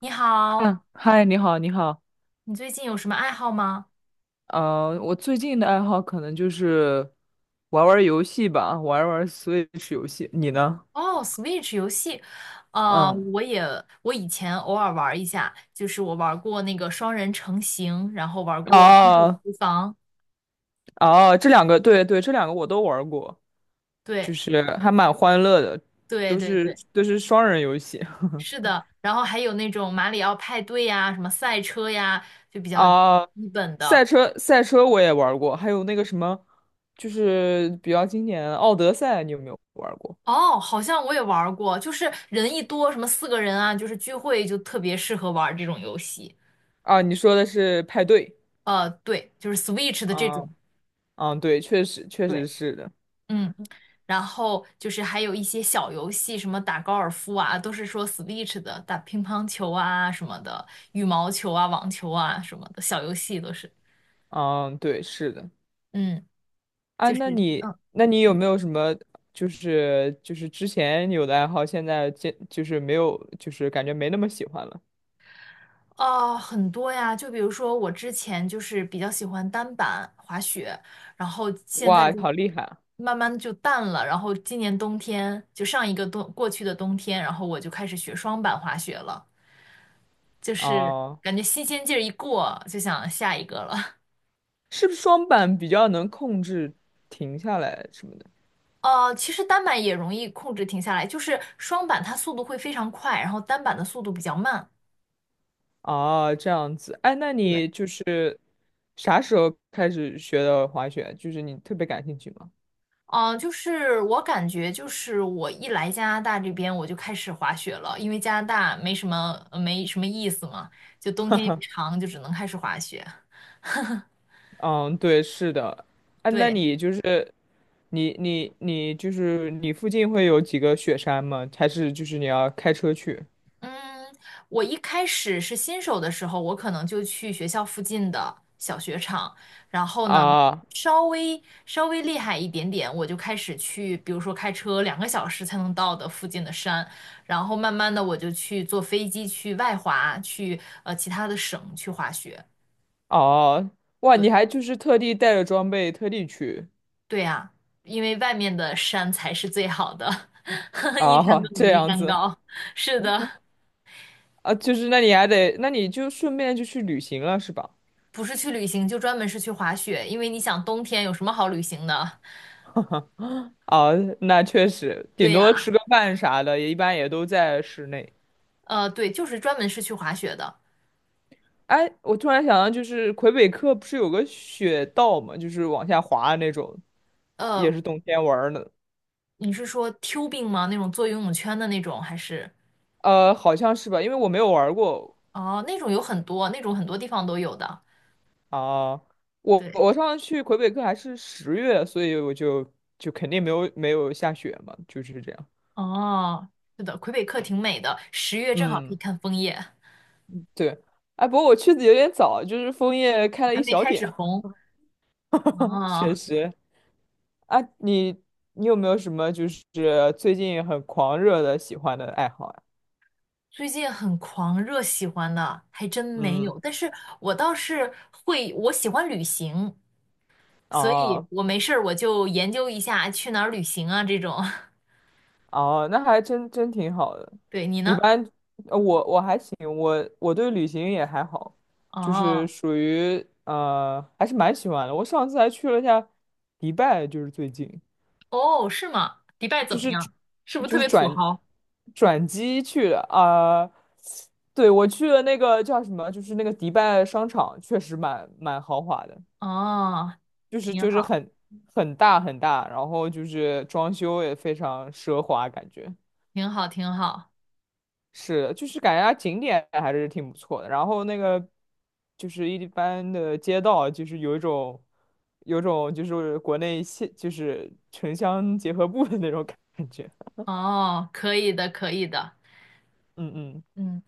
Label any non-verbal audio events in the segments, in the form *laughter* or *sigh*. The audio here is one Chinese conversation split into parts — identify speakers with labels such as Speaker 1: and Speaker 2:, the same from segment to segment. Speaker 1: 你好。
Speaker 2: 嗯，嗨，你好，你好。
Speaker 1: 你最近有什么爱好吗？
Speaker 2: 我最近的爱好可能就是玩玩游戏吧，玩玩 Switch 游戏。你呢？
Speaker 1: 哦，Switch 游戏。呃，
Speaker 2: 嗯，
Speaker 1: 我也我以前偶尔玩一下，就是我玩过那个双人成行，然后玩过分手
Speaker 2: 哦
Speaker 1: 厨房。
Speaker 2: 哦，这两个，对对，这两个我都玩过，就
Speaker 1: 对
Speaker 2: 是还蛮欢乐的，
Speaker 1: 对
Speaker 2: 都
Speaker 1: 对
Speaker 2: 是
Speaker 1: 对，
Speaker 2: 都是双人游戏。
Speaker 1: 是
Speaker 2: *laughs*
Speaker 1: 的。然后还有那种马里奥派对呀，什么赛车呀，就比较
Speaker 2: 啊，
Speaker 1: 基本的。
Speaker 2: 赛车赛车我也玩过，还有那个什么，就是比较经典的《奥德赛》，你有没有玩过？
Speaker 1: 哦，好像我也玩过，就是人一多，什么四个人啊，就是聚会就特别适合玩这种游戏。
Speaker 2: 啊，你说的是派对。
Speaker 1: 对，就是 Switch 的这
Speaker 2: 啊，
Speaker 1: 种。
Speaker 2: 嗯，对，确实确实
Speaker 1: 对，
Speaker 2: 是的。
Speaker 1: 嗯。然后就是还有一些小游戏，什么打高尔夫啊，都是说 Switch 的，打乒乓球啊什么的，羽毛球啊、网球啊什么的小游戏都是。
Speaker 2: 嗯，对，是的。
Speaker 1: 嗯，
Speaker 2: 啊，
Speaker 1: 就是嗯
Speaker 2: 那你有没有什么，就是之前有的爱好，现在这就是没有，就是感觉没那么喜欢了？
Speaker 1: 哦，很多呀，就比如说我之前就是比较喜欢单板滑雪。然后现在
Speaker 2: 哇，
Speaker 1: 就
Speaker 2: 好厉害啊！
Speaker 1: 慢慢就淡了，然后今年冬天就上一个冬过去的冬天，然后我就开始学双板滑雪了，就是
Speaker 2: 哦，
Speaker 1: 感觉新鲜劲儿一过，就想下一个了。
Speaker 2: 是不是双板比较能控制停下来什么的？
Speaker 1: 其实单板也容易控制停下来，就是双板它速度会非常快，然后单板的速度比较慢。
Speaker 2: 哦，这样子。哎，那
Speaker 1: 对。
Speaker 2: 你就是啥时候开始学的滑雪？就是你特别感兴趣吗？
Speaker 1: 就是我感觉，就是我一来加拿大这边，我就开始滑雪了，因为加拿大没什么意思嘛，就冬天又长，就只能开始滑雪。
Speaker 2: 嗯，对，是的。哎，那
Speaker 1: 对。
Speaker 2: 你就是你附近会有几个雪山吗？还是就是你要开车去？
Speaker 1: 嗯，我一开始是新手的时候，我可能就去学校附近的小雪场，然后呢，
Speaker 2: 啊
Speaker 1: 稍微厉害一点点，我就开始去，比如说开车两个小时才能到的附近的山，然后慢慢的我就去坐飞机去外滑，去其他的省去滑雪。
Speaker 2: 哦，哇，
Speaker 1: 对，
Speaker 2: 你还就是特地带着装备特地去
Speaker 1: 对呀，因为外面的山才是最好的，*laughs* 一山
Speaker 2: 啊，
Speaker 1: 更比
Speaker 2: 这
Speaker 1: 一
Speaker 2: 样
Speaker 1: 山
Speaker 2: 子
Speaker 1: 高。是的。
Speaker 2: 啊，就是那你就顺便就去旅行了是吧？
Speaker 1: 不是去旅行，就专门是去滑雪，因为你想冬天有什么好旅行的？
Speaker 2: 啊，那确实，顶
Speaker 1: 对
Speaker 2: 多
Speaker 1: 呀。
Speaker 2: 吃个饭啥的，也一般也都在室内。
Speaker 1: 对，就是专门是去滑雪的。
Speaker 2: 哎，我突然想到，就是魁北克不是有个雪道吗？就是往下滑的那种，也
Speaker 1: 呃，
Speaker 2: 是冬天玩儿的。
Speaker 1: 你是说 tubing 吗？那种做游泳圈的那种，还是？
Speaker 2: 好像是吧，因为我没有玩儿过。
Speaker 1: 哦，那种有很多，那种很多地方都有的。
Speaker 2: 啊，我
Speaker 1: 对。
Speaker 2: 我上次去魁北克还是10月，所以我就肯定没有下雪嘛，就是这样。
Speaker 1: 哦，是的，魁北克挺美的，十月正好可以
Speaker 2: 嗯，
Speaker 1: 看枫叶，
Speaker 2: 对。哎，不过我去的有点早，就是枫叶开了
Speaker 1: 还
Speaker 2: 一
Speaker 1: 没
Speaker 2: 小
Speaker 1: 开
Speaker 2: 点，
Speaker 1: 始红。
Speaker 2: *laughs* 确
Speaker 1: 哦。
Speaker 2: 实。啊，你有没有什么就是最近很狂热的喜欢的爱好呀？
Speaker 1: 最近很狂热喜欢的还真没
Speaker 2: 嗯，
Speaker 1: 有，但是我倒是会，我喜欢旅行，所以
Speaker 2: 啊，
Speaker 1: 我没事儿我就研究一下去哪儿旅行啊这种。*laughs*
Speaker 2: 哦，那还真真挺好的。
Speaker 1: 对，你
Speaker 2: 一
Speaker 1: 呢？
Speaker 2: 般，我还行，我对旅行也还好，就是
Speaker 1: 哦
Speaker 2: 属于还是蛮喜欢的。我上次还去了一下迪拜，就是最近，
Speaker 1: 哦，是吗？迪拜怎
Speaker 2: 就
Speaker 1: 么
Speaker 2: 是
Speaker 1: 样？是不是
Speaker 2: 就
Speaker 1: 特
Speaker 2: 是
Speaker 1: 别土豪？
Speaker 2: 转机去的啊、对，我去了那个叫什么，就是那个迪拜商场，确实蛮豪华的，
Speaker 1: 哦，
Speaker 2: 就是
Speaker 1: 挺
Speaker 2: 就是
Speaker 1: 好，
Speaker 2: 很很大，然后就是装修也非常奢华，感觉。
Speaker 1: 挺好，挺好。
Speaker 2: 是，就是感觉它景点还是挺不错的。然后那个就是一般的街道，就是有一种就是国内县就是城乡结合部的那种感觉。
Speaker 1: 哦，可以的，可以的。
Speaker 2: 嗯嗯，
Speaker 1: 嗯，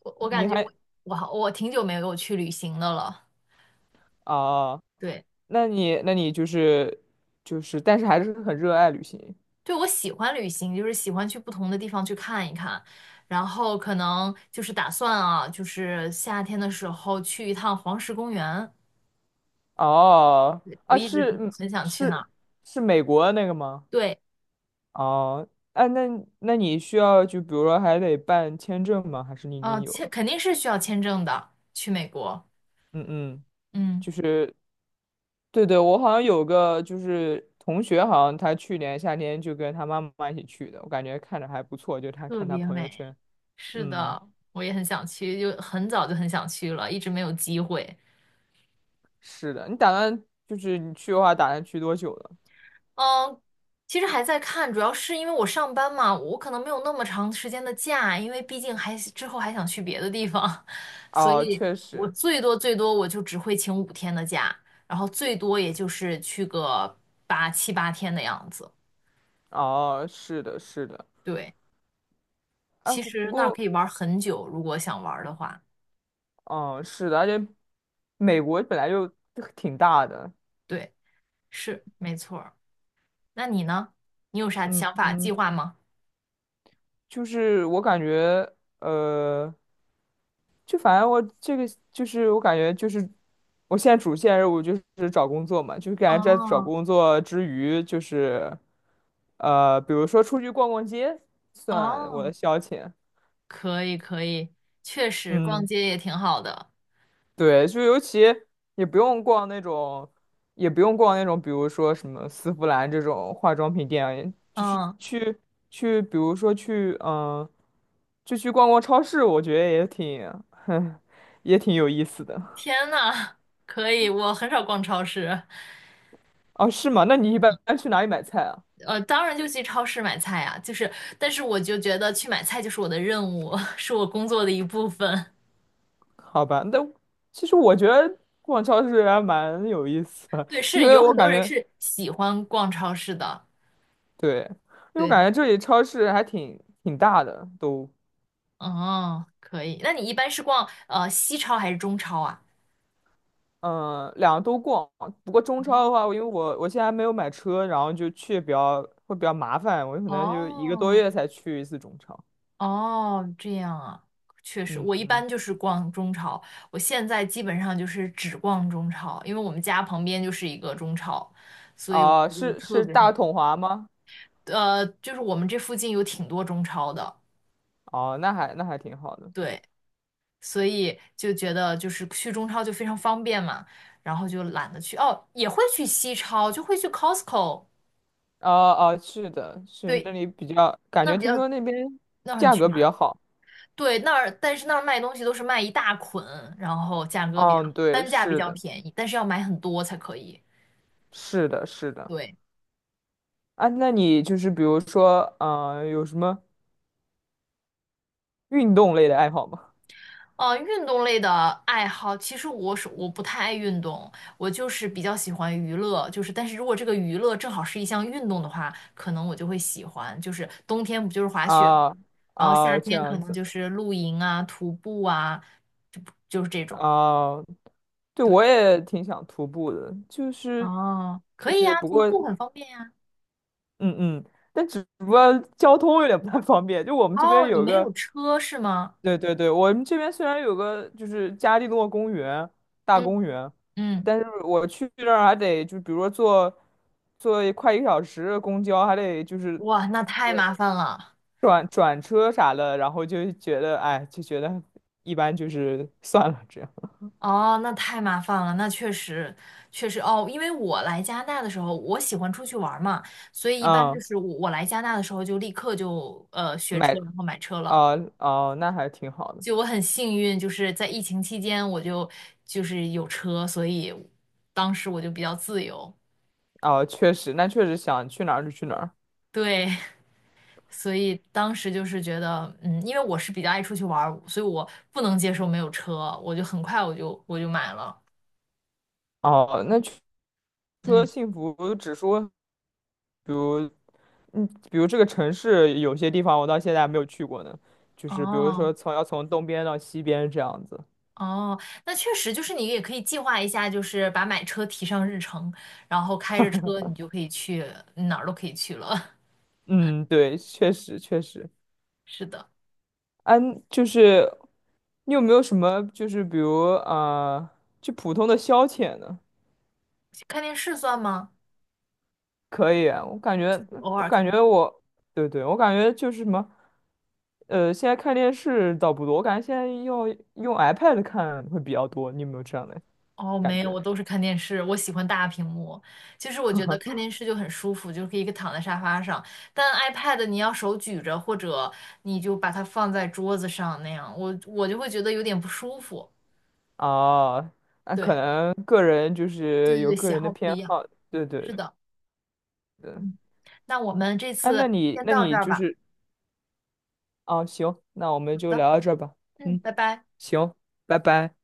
Speaker 1: 我
Speaker 2: 你
Speaker 1: 感觉
Speaker 2: 还
Speaker 1: 我挺久没有去旅行的了。
Speaker 2: 啊？
Speaker 1: 对。
Speaker 2: 那你就是但是还是很热爱旅行。
Speaker 1: 对，我喜欢旅行，就是喜欢去不同的地方去看一看，然后可能就是打算啊，就是夏天的时候去一趟黄石公园。
Speaker 2: 哦
Speaker 1: 对，我
Speaker 2: 啊，
Speaker 1: 一直
Speaker 2: 是嗯
Speaker 1: 很想去
Speaker 2: 是
Speaker 1: 那。
Speaker 2: 是美国那个吗？
Speaker 1: 对。
Speaker 2: 哦，哎，那你需要就比如说还得办签证吗？还是你已
Speaker 1: 啊，
Speaker 2: 经有了？
Speaker 1: 肯定是需要签证的，去美国。
Speaker 2: 嗯嗯。
Speaker 1: 嗯，
Speaker 2: 就是。对对，我好像有个就是同学，好像他去年夏天就跟他妈妈一起去的，我感觉看着还不错，就他
Speaker 1: 特
Speaker 2: 看他
Speaker 1: 别
Speaker 2: 朋友
Speaker 1: 美，
Speaker 2: 圈。
Speaker 1: 是
Speaker 2: 嗯，
Speaker 1: 的，我也很想去，就很早就很想去了，一直没有机会。
Speaker 2: 是的，你打算就是你去的话，打算去多久了？
Speaker 1: 嗯，其实还在看，主要是因为我上班嘛，我可能没有那么长时间的假，因为毕竟还之后还想去别的地方，*laughs* 所
Speaker 2: 哦，
Speaker 1: 以
Speaker 2: 确
Speaker 1: 我
Speaker 2: 实，
Speaker 1: 最多最多我就只会请五天的假，然后最多也就是去个七八天的样子。
Speaker 2: 哦，是的，是的，
Speaker 1: 对，
Speaker 2: 哎，
Speaker 1: 其
Speaker 2: 不
Speaker 1: 实那儿
Speaker 2: 过，
Speaker 1: 可以玩很久，如果想玩的话。
Speaker 2: 嗯，是的，而且美国本来就挺大的，
Speaker 1: 对。是，没错儿。那你呢？你有啥
Speaker 2: 嗯
Speaker 1: 想法、计
Speaker 2: 嗯。
Speaker 1: 划吗？
Speaker 2: 就是我感觉，呃，就反正我这个就是我感觉就是我现在主线任务就是找工作嘛，就是感觉在找
Speaker 1: 哦
Speaker 2: 工作之余，就是比如说出去逛逛街，算我的
Speaker 1: 哦，
Speaker 2: 消遣。
Speaker 1: 可以可以，确实逛
Speaker 2: 嗯。
Speaker 1: 街也挺好的。
Speaker 2: 对，就尤其也不用逛那种，也不用逛那种，比如说什么丝芙兰这种化妆品店，就是
Speaker 1: 嗯，
Speaker 2: 去，比如说去，就去逛逛超市，我觉得也挺，*laughs* 哼，也挺有意思的。
Speaker 1: 天呐，可以，我很少逛超市。
Speaker 2: 哦，是吗？那你一般去哪里买菜啊？
Speaker 1: 当然就去超市买菜啊，就是，但是我就觉得去买菜就是我的任务，*laughs* 是我工作的一部分。
Speaker 2: 好吧，那其实我觉得逛超市还蛮有意思
Speaker 1: *laughs*
Speaker 2: 的，
Speaker 1: 对，
Speaker 2: *laughs* 因
Speaker 1: 是
Speaker 2: 为
Speaker 1: 有
Speaker 2: 我
Speaker 1: 很多
Speaker 2: 感
Speaker 1: 人
Speaker 2: 觉，
Speaker 1: 是喜欢逛超市的。
Speaker 2: 对，因为我
Speaker 1: 对。
Speaker 2: 感觉这里超市还挺大的，都。
Speaker 1: 哦，可以。那你一般是逛西超还是中超啊？
Speaker 2: 嗯，两个都逛。不过中超的话，我因为我现在还没有买车，然后就去会比较麻烦，我可能就一个多
Speaker 1: 哦，
Speaker 2: 月才去一次中超。
Speaker 1: 哦，这样啊。确实，
Speaker 2: 嗯
Speaker 1: 我一
Speaker 2: 嗯，
Speaker 1: 般就是逛中超，我现在基本上就是只逛中超，因为我们家旁边就是一个中超，所以我
Speaker 2: 哦、
Speaker 1: 觉就特
Speaker 2: 是
Speaker 1: 别
Speaker 2: 大
Speaker 1: 方
Speaker 2: 统华吗？
Speaker 1: 便就是我们这附近有挺多中超的。
Speaker 2: 哦，那还挺好的。
Speaker 1: 对，所以就觉得就是去中超就非常方便嘛，然后就懒得去，哦，也会去西超，就会去 Costco。
Speaker 2: 哦哦，是的，是
Speaker 1: 对，
Speaker 2: 那里比较，感
Speaker 1: 那
Speaker 2: 觉
Speaker 1: 比
Speaker 2: 听
Speaker 1: 较
Speaker 2: 说那边
Speaker 1: 那很
Speaker 2: 价
Speaker 1: 全。
Speaker 2: 格比较好。
Speaker 1: 对，那儿但是那儿卖东西都是卖一大捆，然后价格比较
Speaker 2: 嗯，对，
Speaker 1: 单价比
Speaker 2: 是
Speaker 1: 较
Speaker 2: 的，
Speaker 1: 便宜，但是要买很多才可以。
Speaker 2: 是的，是的。
Speaker 1: 对。
Speaker 2: 啊，那你就是比如说，有什么运动类的爱好吗？
Speaker 1: 运动类的爱好，其实我不太爱运动，我就是比较喜欢娱乐，就是但是如果这个娱乐正好是一项运动的话，可能我就会喜欢。就是冬天不就是滑雪，
Speaker 2: 啊
Speaker 1: 然后夏
Speaker 2: 啊，这
Speaker 1: 天可
Speaker 2: 样
Speaker 1: 能
Speaker 2: 子。
Speaker 1: 就是露营啊、徒步啊，就就是这种。
Speaker 2: 啊，对，
Speaker 1: 对，
Speaker 2: 我也挺想徒步的，就是
Speaker 1: 哦，可以呀，
Speaker 2: 不
Speaker 1: 徒
Speaker 2: 过
Speaker 1: 步很方便呀。
Speaker 2: 嗯嗯，但只不过交通有点不太方便。就我们这边
Speaker 1: 哦，你
Speaker 2: 有
Speaker 1: 没
Speaker 2: 个，
Speaker 1: 有车是吗？
Speaker 2: 对对对，我们这边虽然有个就是加利诺公园大公
Speaker 1: 嗯。
Speaker 2: 园，
Speaker 1: 嗯。
Speaker 2: 但是我去那儿还得就比如说坐快一个小时的公交，还得就是
Speaker 1: 哇，那太麻烦了。
Speaker 2: 转车啥的，然后就觉得哎，就觉得一般，就是算了这样。
Speaker 1: 哦，那太麻烦了，那确实，确实哦，因为我来加拿大的时候，我喜欢出去玩儿嘛，所以一般就
Speaker 2: 嗯，
Speaker 1: 是我来加拿大的时候就立刻就学车，
Speaker 2: 买
Speaker 1: 然后买车了。
Speaker 2: 哦哦，那还挺好的。
Speaker 1: 就我很幸运，就是在疫情期间我就是有车，所以当时我就比较自由。
Speaker 2: 哦，确实，那确实想去哪儿就去哪儿。
Speaker 1: 对。*laughs* 所以当时就是觉得，嗯，因为我是比较爱出去玩儿，所以我不能接受没有车，我就很快我就买了。
Speaker 2: 哦，那除了
Speaker 1: 嗯，
Speaker 2: 幸福指数，比如，嗯，比如这个城市有些地方我到现在还没有去过呢，就是比如
Speaker 1: 哦，
Speaker 2: 说要从东边到西边这样子。
Speaker 1: 哦，那确实就是你也可以计划一下，就是把买车提上日程，然后开着车你就可以去哪儿都可以去了。*laughs*
Speaker 2: 嗯，对，确实确实。
Speaker 1: 是的。
Speaker 2: 嗯，就是你有没有什么就是比如啊，就普通的消遣呢？
Speaker 1: 看电视算吗？
Speaker 2: 可以啊，我感觉，
Speaker 1: 偶
Speaker 2: 我
Speaker 1: 尔看
Speaker 2: 感
Speaker 1: 看。
Speaker 2: 觉我，对对，我感觉就是什么，现在看电视倒不多，我感觉现在用 iPad 看会比较多。你有没有这样的
Speaker 1: 哦，
Speaker 2: 感
Speaker 1: 没有，
Speaker 2: 觉？
Speaker 1: 我都是看电视，我喜欢大屏幕。其实我觉得看电视就很舒服，就可以躺在沙发上。但 iPad 你要手举着，或者你就把它放在桌子上那样，我就会觉得有点不舒服。
Speaker 2: 啊，那可
Speaker 1: 对，
Speaker 2: 能个人就
Speaker 1: 对
Speaker 2: 是
Speaker 1: 对
Speaker 2: 有
Speaker 1: 对，
Speaker 2: 个
Speaker 1: 喜
Speaker 2: 人的
Speaker 1: 好不
Speaker 2: 偏
Speaker 1: 一样。
Speaker 2: 好，对对
Speaker 1: 是的。
Speaker 2: 对。
Speaker 1: 嗯，那我们这
Speaker 2: 哎，那
Speaker 1: 次
Speaker 2: 你
Speaker 1: 先
Speaker 2: 那
Speaker 1: 到这
Speaker 2: 你
Speaker 1: 儿
Speaker 2: 就
Speaker 1: 吧。
Speaker 2: 是，啊，行，那我们
Speaker 1: 好
Speaker 2: 就
Speaker 1: 的。
Speaker 2: 聊到这儿吧。
Speaker 1: 嗯，
Speaker 2: 嗯，
Speaker 1: 拜拜。
Speaker 2: 行，拜拜。